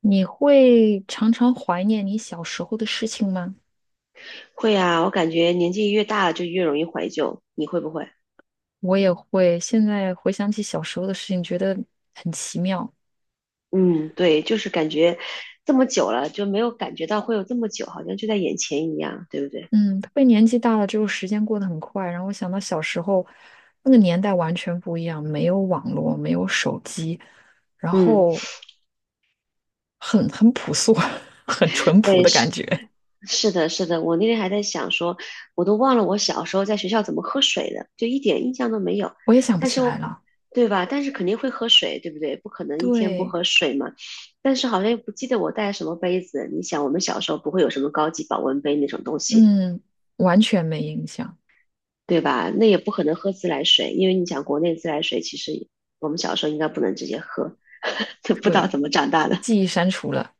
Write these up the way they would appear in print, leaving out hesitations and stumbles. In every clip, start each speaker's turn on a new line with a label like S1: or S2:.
S1: 你会常常怀念你小时候的事情吗？
S2: 会啊，我感觉年纪越大了就越容易怀旧，你会不会？
S1: 我也会，现在回想起小时候的事情，觉得很奇妙。
S2: 嗯，对，就是感觉这么久了就没有感觉到会有这么久，好像就在眼前一样，对不对？
S1: 嗯，特别年纪大了之后，时间过得很快。然后我想到小时候那个年代完全不一样，没有网络，没有手机，然
S2: 嗯，
S1: 后很朴素，很淳朴
S2: 对，
S1: 的感
S2: 是
S1: 觉。
S2: 是的，是的，我那天还在想说，我都忘了我小时候在学校怎么喝水的，就一点印象都没有。
S1: 我也想不
S2: 但
S1: 起
S2: 是
S1: 来
S2: 我，
S1: 了。
S2: 对吧？但是肯定会喝水，对不对？不可能一天不
S1: 对，
S2: 喝水嘛。但是好像又不记得我带什么杯子。你想，我们小时候不会有什么高级保温杯那种东西，
S1: 嗯，完全没印象。
S2: 对吧？那也不可能喝自来水，因为你想，国内自来水，其实我们小时候应该不能直接喝，就不知道
S1: 对，
S2: 怎么长大的。
S1: 记忆删除了。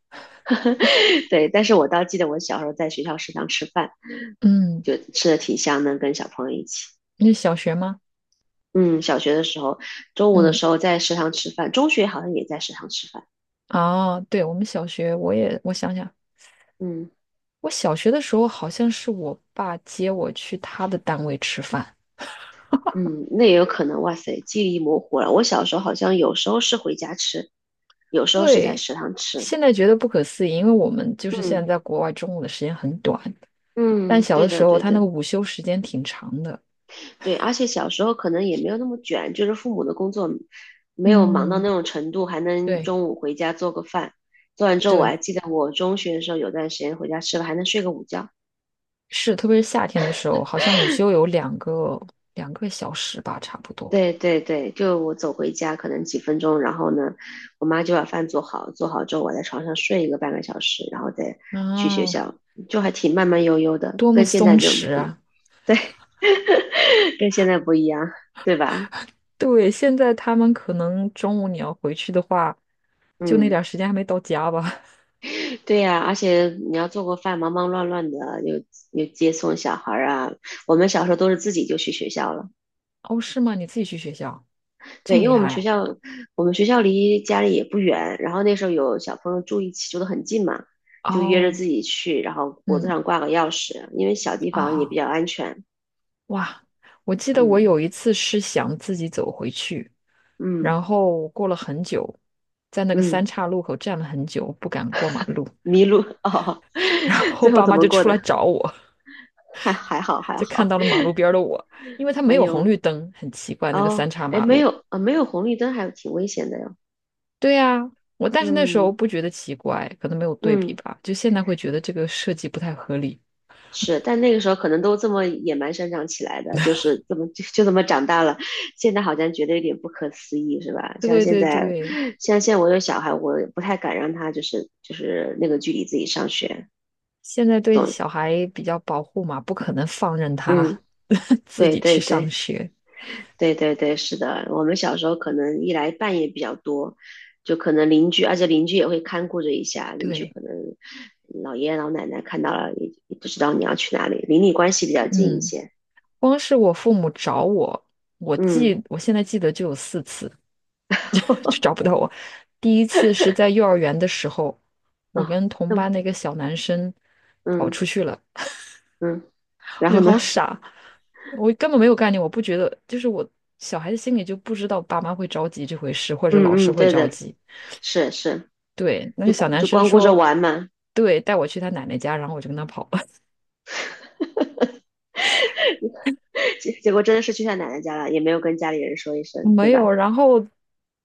S2: 对，但是我倒记得我小时候在学校食堂吃饭，
S1: 嗯，
S2: 就吃的挺香的，跟小朋友一起。
S1: 那是小学吗？
S2: 嗯，小学的时候，中午的
S1: 嗯。
S2: 时候在食堂吃饭，中学好像也在食堂吃饭。
S1: 啊，对，我们小学，我也，我想想，
S2: 嗯
S1: 我小学的时候好像是我爸接我去他的单位吃饭。
S2: 嗯，那也有可能。哇塞，记忆模糊了。我小时候好像有时候是回家吃，有时候是在
S1: 对，
S2: 食堂吃。
S1: 现在觉得不可思议，因为我们就是现
S2: 嗯
S1: 在在国外，中午的时间很短，但
S2: 嗯，
S1: 小
S2: 对
S1: 的时
S2: 的
S1: 候
S2: 对
S1: 他那个
S2: 的。
S1: 午休时间挺长的。
S2: 对，而且小时候可能也没有那么卷，就是父母的工作没有忙到
S1: 嗯，
S2: 那种程度，还能
S1: 对
S2: 中午回家做个饭。做完之后，我还
S1: 对，
S2: 记得我中学的时候有段时间回家吃了还能睡个午觉。
S1: 是，特别是夏天的时候，好像午休有两个小时吧，差不多。
S2: 对对对，就我走回家可能几分钟，然后呢，我妈就把饭做好，做好之后我在床上睡一个半个小时，然后再去学
S1: 啊，
S2: 校，就还挺慢慢悠悠的，
S1: 多么
S2: 跟现在
S1: 松
S2: 就很
S1: 弛
S2: 不一，
S1: 啊！
S2: 对，跟现在不一样，对吧？
S1: 对，现在他们可能中午你要回去的话，就那点
S2: 嗯。
S1: 儿时间还没到家吧？
S2: 对呀，而且你要做过饭，忙忙乱乱的，又又接送小孩儿啊。我们小时候都是自己就去学校了，
S1: 哦，是吗？你自己去学校，这
S2: 对，
S1: 么
S2: 因
S1: 厉
S2: 为我们学
S1: 害？
S2: 校，我们学校离家里也不远，然后那时候有小朋友住一起，住得很近嘛，就约着
S1: 哦，
S2: 自己去，然后脖子
S1: 嗯，
S2: 上挂个钥匙，因为小地方也比
S1: 啊、
S2: 较安全。
S1: 哇！我记得我
S2: 嗯
S1: 有一次是想自己走回去，
S2: 嗯
S1: 然后过了很久，在那个三
S2: 嗯，
S1: 岔路口站了很久，不敢过马路，
S2: 迷路哦，
S1: 然 后
S2: 最后
S1: 爸
S2: 怎
S1: 妈
S2: 么
S1: 就
S2: 过
S1: 出
S2: 的？
S1: 来 找我，
S2: 还还好还
S1: 就看
S2: 好。
S1: 到了马路边儿的我，因为它没
S2: 哎
S1: 有红
S2: 呦
S1: 绿灯，很奇怪，那个三
S2: 哦，
S1: 岔
S2: 哎
S1: 马
S2: 没
S1: 路。
S2: 有啊，没有红绿灯还挺危险的哟。
S1: 对呀，我但是那时
S2: 嗯
S1: 候不觉得奇怪，可能没有对比
S2: 嗯。
S1: 吧，就现在会觉得这个设计不太合理。
S2: 是，但那个时候可能都这么野蛮生长起来的，就是这么就就这么长大了。现在好像觉得有点不可思议，是吧？
S1: 对对对，
S2: 像现在我有小孩，我不太敢让他就是那个距离自己上学，
S1: 现在对
S2: 懂？
S1: 小孩比较保护嘛，不可能放任
S2: 嗯，
S1: 他 自
S2: 对
S1: 己
S2: 对
S1: 去上
S2: 对
S1: 学。
S2: 对对对，是的。我们小时候可能一来半夜比较多，就可能邻居，而且邻居也会看顾着一下，邻居
S1: 对，
S2: 可能老爷爷老奶奶看到了也不知道你要去哪里，邻里关系比较近一
S1: 嗯，
S2: 些。
S1: 光是我父母找我，我
S2: 嗯，
S1: 记，我现在记得就有四次，就找 不到我。第一次是在幼儿园的时候，我
S2: 哦。
S1: 跟同班的一个小男生跑
S2: 嗯
S1: 出去了。
S2: 嗯，然
S1: 我觉
S2: 后
S1: 得
S2: 呢？
S1: 好 傻，我根本没有概念，我不觉得，就是我小孩子心里就不知道爸妈会着急这回事，或者老
S2: 嗯
S1: 师
S2: 嗯，
S1: 会
S2: 对
S1: 着
S2: 的，
S1: 急。
S2: 是是，
S1: 对，那
S2: 就
S1: 个小男
S2: 就
S1: 生
S2: 光顾着
S1: 说，
S2: 玩嘛，
S1: 对，带我去他奶奶家，然后我就跟他跑了，
S2: 结果真的是去他奶奶家了，也没有跟家里人说一 声，对
S1: 没
S2: 吧？
S1: 有，然后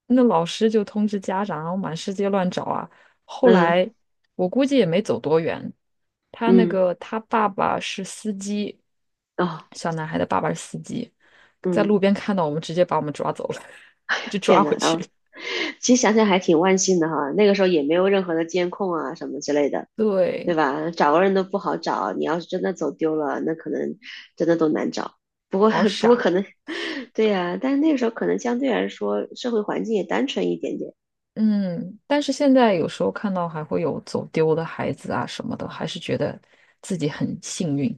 S1: 那老师就通知家长，然后满世界乱找啊。后
S2: 嗯
S1: 来我估计也没走多远，他那
S2: 嗯，
S1: 个他爸爸是司机，
S2: 哦
S1: 小男孩的爸爸是司机，在
S2: 嗯，
S1: 路边看到我们，直接把我们抓走了，就抓
S2: 天
S1: 回
S2: 呐，
S1: 去了。
S2: 哦，其实想想还挺万幸的哈，那个时候也没有任何的监控啊什么之类的，对
S1: 对，
S2: 吧？找个人都不好找，你要是真的走丢了，那可能真的都难找。不过
S1: 好
S2: 不过
S1: 傻。
S2: 可能，对呀、但是那个时候可能相对来说社会环境也单纯一点点。
S1: 嗯，但是现在有时候看到还会有走丢的孩子啊什么的，还是觉得自己很幸运。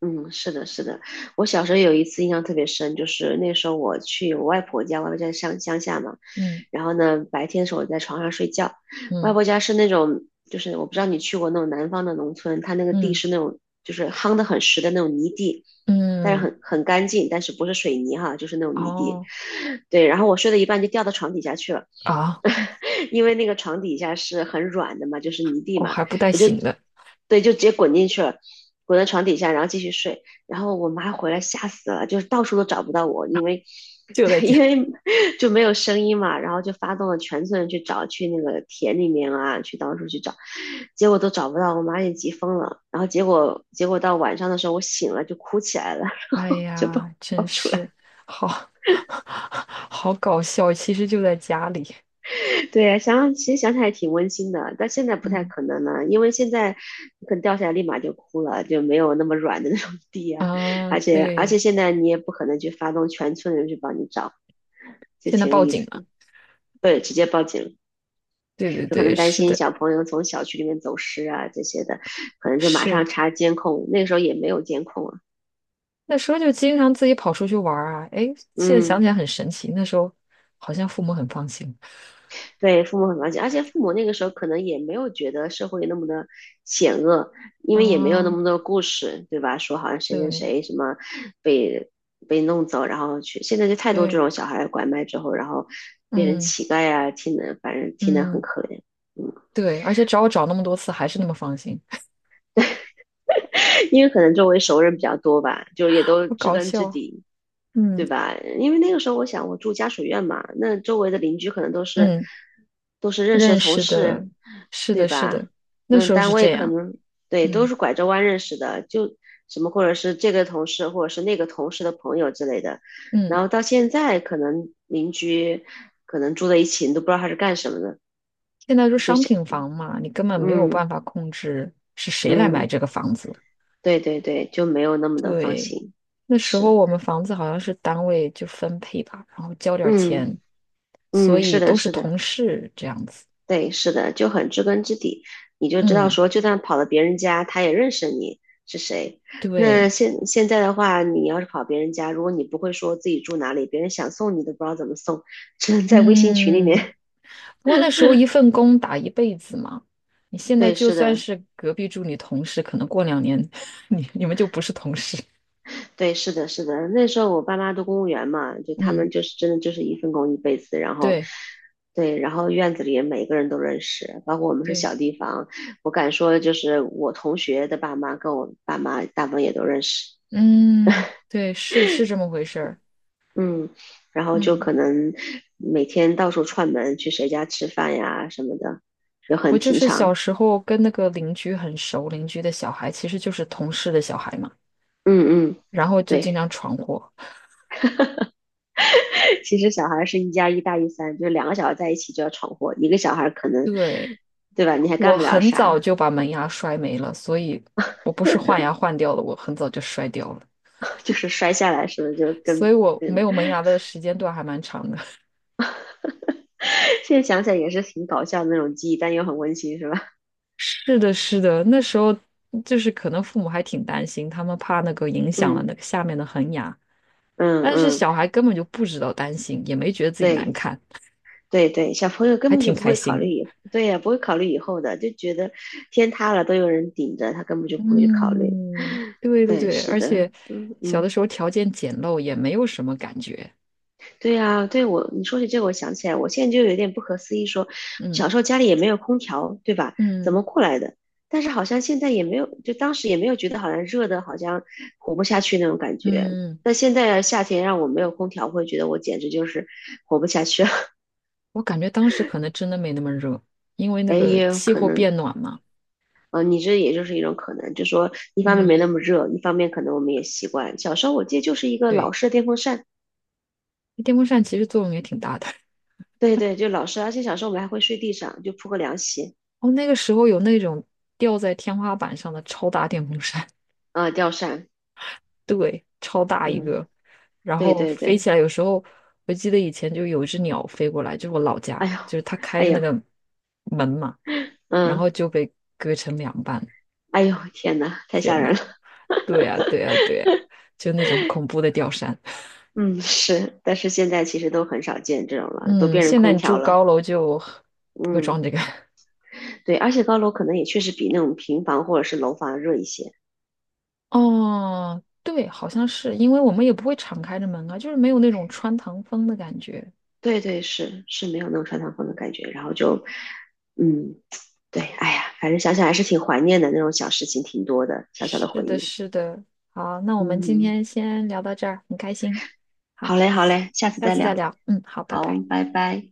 S2: 嗯，是的，是的。我小时候有一次印象特别深，就是那时候我去我外婆家，我外婆家在乡下嘛。
S1: 嗯
S2: 然后呢，白天的时候我在床上睡觉，外
S1: 嗯
S2: 婆家是那种，就是我不知道你去过那种南方的农村，它那个地
S1: 嗯
S2: 是那种就是夯得很实的那种泥地，但是
S1: 嗯，
S2: 很干净，但是不是水泥哈，就是那种泥地。
S1: 哦
S2: 对，然后我睡到一半就掉到床底下去了。
S1: 啊，
S2: 因为那个床底下是很软的嘛，就是泥地
S1: 哦
S2: 嘛，
S1: 还不带
S2: 我就
S1: 醒的，
S2: 对，就直接滚进去了，滚到床底下，然后继续睡。然后我妈回来吓死了，就是到处都找不到我，因为
S1: 就在
S2: 对，因
S1: 家，
S2: 为就没有声音嘛，然后就发动了全村人去找，去那个田里面啊，去到处去找，结果都找不到，我妈也急疯了。然后结果到晚上的时候，我醒了就哭起来了，
S1: 哎
S2: 就抱
S1: 呀，
S2: 抱
S1: 真
S2: 出
S1: 是
S2: 来。
S1: 好 好搞笑，其实就在家里。
S2: 对，想想其实想起来挺温馨的，但现在不太
S1: 嗯
S2: 可能了，因为现在可能掉下来立马就哭了，就没有那么软的那种地啊，
S1: 啊，
S2: 而且而
S1: 对，
S2: 且现在你也不可能去发动全村人去帮你找，就
S1: 现在
S2: 挺有
S1: 报
S2: 意
S1: 警
S2: 思
S1: 了。
S2: 的对，直接报警，
S1: 对对
S2: 就可能
S1: 对，
S2: 担
S1: 是
S2: 心
S1: 的，
S2: 小朋友从小区里面走失啊这些的，可能就马上
S1: 是。
S2: 查监控，那个时候也没有监控啊，
S1: 那时候就经常自己跑出去玩儿啊，哎，现在想
S2: 嗯。
S1: 起来很神奇，那时候好像父母很放心。
S2: 对，父母很了解，而且父母那个时候可能也没有觉得社会那么的险恶，因为也没有那
S1: 啊，
S2: 么多故事，对吧？说好像谁谁
S1: 对
S2: 谁什么被被弄走，然后去，现在就太多这
S1: 对，
S2: 种小孩拐卖之后，然后变成
S1: 嗯
S2: 乞丐啊，听的反正听的很
S1: 嗯，
S2: 可怜，嗯，
S1: 对，而且找我找那么多次还是那么放心，
S2: 因为可能周围熟人比较多吧，就也都
S1: 好
S2: 知
S1: 搞
S2: 根
S1: 笑
S2: 知
S1: 啊。
S2: 底，对
S1: 嗯
S2: 吧？因为那个时候我想我住家属院嘛，那周围的邻居可能都是
S1: 嗯，
S2: 都是认识的
S1: 认
S2: 同
S1: 识
S2: 事，
S1: 的，是
S2: 对
S1: 的，是的，
S2: 吧？
S1: 那
S2: 那
S1: 时候
S2: 单
S1: 是
S2: 位
S1: 这
S2: 可
S1: 样。
S2: 能对都
S1: 嗯
S2: 是拐着弯认识的，就什么或者是这个同事或者是那个同事的朋友之类的。然
S1: 嗯，
S2: 后到现在可能邻居住在一起，你都不知道他是干什么的，
S1: 现在说
S2: 就
S1: 商
S2: 想
S1: 品房嘛，你根本没有
S2: 嗯
S1: 办法控制是谁来买
S2: 嗯，
S1: 这个房子。
S2: 对对对，就没有那么的放
S1: 对，
S2: 心，
S1: 那时候
S2: 是
S1: 我们房子好像是单位就分配吧，然后交点儿
S2: 嗯
S1: 钱。所
S2: 嗯
S1: 以
S2: 是的
S1: 都是
S2: 是的。
S1: 同事这样子。
S2: 对，是的，就很知根知底，你就知道
S1: 嗯，
S2: 说，就算跑到别人家，他也认识你是谁。那
S1: 对，
S2: 现在的话，你要是跑别人家，如果你不会说自己住哪里，别人想送你都不知道怎么送，只能在微信群里
S1: 嗯，
S2: 面。
S1: 不过那时候一份工打一辈子嘛，你 现在
S2: 对，
S1: 就
S2: 是
S1: 算
S2: 的，
S1: 是隔壁住你同事，可能过两年 你们就不是同事。
S2: 对，是的，是的。那时候我爸妈都公务员嘛，就他
S1: 嗯，
S2: 们就是真的就是一份工一辈子，然后。
S1: 对
S2: 对，然后院子里每个人都认识，包括我们是
S1: 对，
S2: 小地方，我敢说就是我同学的爸妈跟我爸妈大部分也都认识。
S1: 嗯对，是是这么回事儿。
S2: 嗯，然后就
S1: 嗯，
S2: 可能每天到处串门，去谁家吃饭呀什么的，也
S1: 我
S2: 很
S1: 就
S2: 平
S1: 是小
S2: 常。
S1: 时候跟那个邻居很熟，邻居的小孩其实就是同事的小孩嘛，
S2: 嗯嗯，
S1: 然后就经
S2: 对，
S1: 常闯祸。
S2: 其实小孩是一加一大于三，就是两个小孩在一起就要闯祸，一个小孩可能，
S1: 对。
S2: 对吧？你还
S1: 我
S2: 干不了
S1: 很早
S2: 啥，
S1: 就把门牙摔没了，所以我不是换牙换掉了，我很早就摔掉了，
S2: 就是摔下来是不是就
S1: 所
S2: 跟
S1: 以我
S2: 跟，
S1: 没有门牙的时间段还蛮长的。
S2: 现在想起来也是挺搞笑的那种记忆，但又很温馨，是吧？
S1: 是的，是的，那时候就是可能父母还挺担心，他们怕那个影 响了
S2: 嗯
S1: 那个下面的恒牙，
S2: 嗯
S1: 但是
S2: 嗯，
S1: 小孩根本就不知道担心，也没觉得自己难
S2: 对。
S1: 看，
S2: 对对，小朋友根
S1: 还
S2: 本就
S1: 挺
S2: 不
S1: 开
S2: 会考
S1: 心
S2: 虑
S1: 的
S2: 以，对呀，不会考虑以后的，就觉得天塌了都有人顶着，他根本就不会去考虑。
S1: 嗯，对对
S2: 对，
S1: 对，
S2: 是
S1: 而且
S2: 的，嗯
S1: 小
S2: 嗯，
S1: 的时候条件简陋，也没有什么感觉。
S2: 对呀，对我，你说起这个，我想起来，我现在就有点不可思议说，
S1: 嗯
S2: 小时候家里也没有空调，对吧？怎
S1: 嗯
S2: 么过来的？但是好像现在也没有，就当时也没有觉得好像热的，好像活不下去那种感觉。
S1: 嗯。
S2: 但现在夏天让我没有空调，我会觉得我简直就是活不下去了。
S1: 我感觉当时可能真的没那么热，因为那
S2: 哎，
S1: 个
S2: 也有
S1: 气
S2: 可
S1: 候
S2: 能。
S1: 变暖嘛。
S2: 嗯、你这也就是一种可能，就说一方面没
S1: 嗯，
S2: 那么热，一方面可能我们也习惯。小时候我记得就是一个老
S1: 对，
S2: 式的电风扇，
S1: 电风扇其实作用也挺大的。
S2: 对对，就老式，而且小时候我们还会睡地上，就铺个凉席，
S1: 哦，那个时候有那种吊在天花板上的超大电风扇，
S2: 啊、吊扇，
S1: 对，超大一
S2: 嗯，
S1: 个，然
S2: 对
S1: 后
S2: 对
S1: 飞
S2: 对，
S1: 起来。有时候我记得以前就有一只鸟飞过来，就是我老
S2: 哎
S1: 家，
S2: 呦，
S1: 就是它开
S2: 哎
S1: 着那
S2: 呦，
S1: 个门嘛，然
S2: 嗯，
S1: 后就被割成两半。
S2: 哎呦，天呐，太吓人了，
S1: 对呀，对呀，对呀，就那种恐怖的吊扇。
S2: 嗯，是，但是现在其实都很少见这种了，都
S1: 嗯，
S2: 变成
S1: 现在
S2: 空
S1: 你
S2: 调
S1: 住
S2: 了，
S1: 高楼就不会
S2: 嗯，
S1: 装这个。
S2: 对，而且高楼可能也确实比那种平房或者是楼房热一些，
S1: 哦，对，好像是，因为我们也不会敞开着门啊，就是没有那种穿堂风的感觉。
S2: 对对，是是没有那种穿堂风的感觉，然后就，嗯。对，哎呀，反正想想还是挺怀念的，那种小事情挺多的，小小的
S1: 是
S2: 回
S1: 的，
S2: 忆。
S1: 是的。好，那我们今
S2: 嗯，
S1: 天先聊到这儿，很开心。好，
S2: 好嘞，好嘞，下次
S1: 下
S2: 再
S1: 次
S2: 聊。
S1: 再聊。嗯，好，拜拜。
S2: 好，拜拜。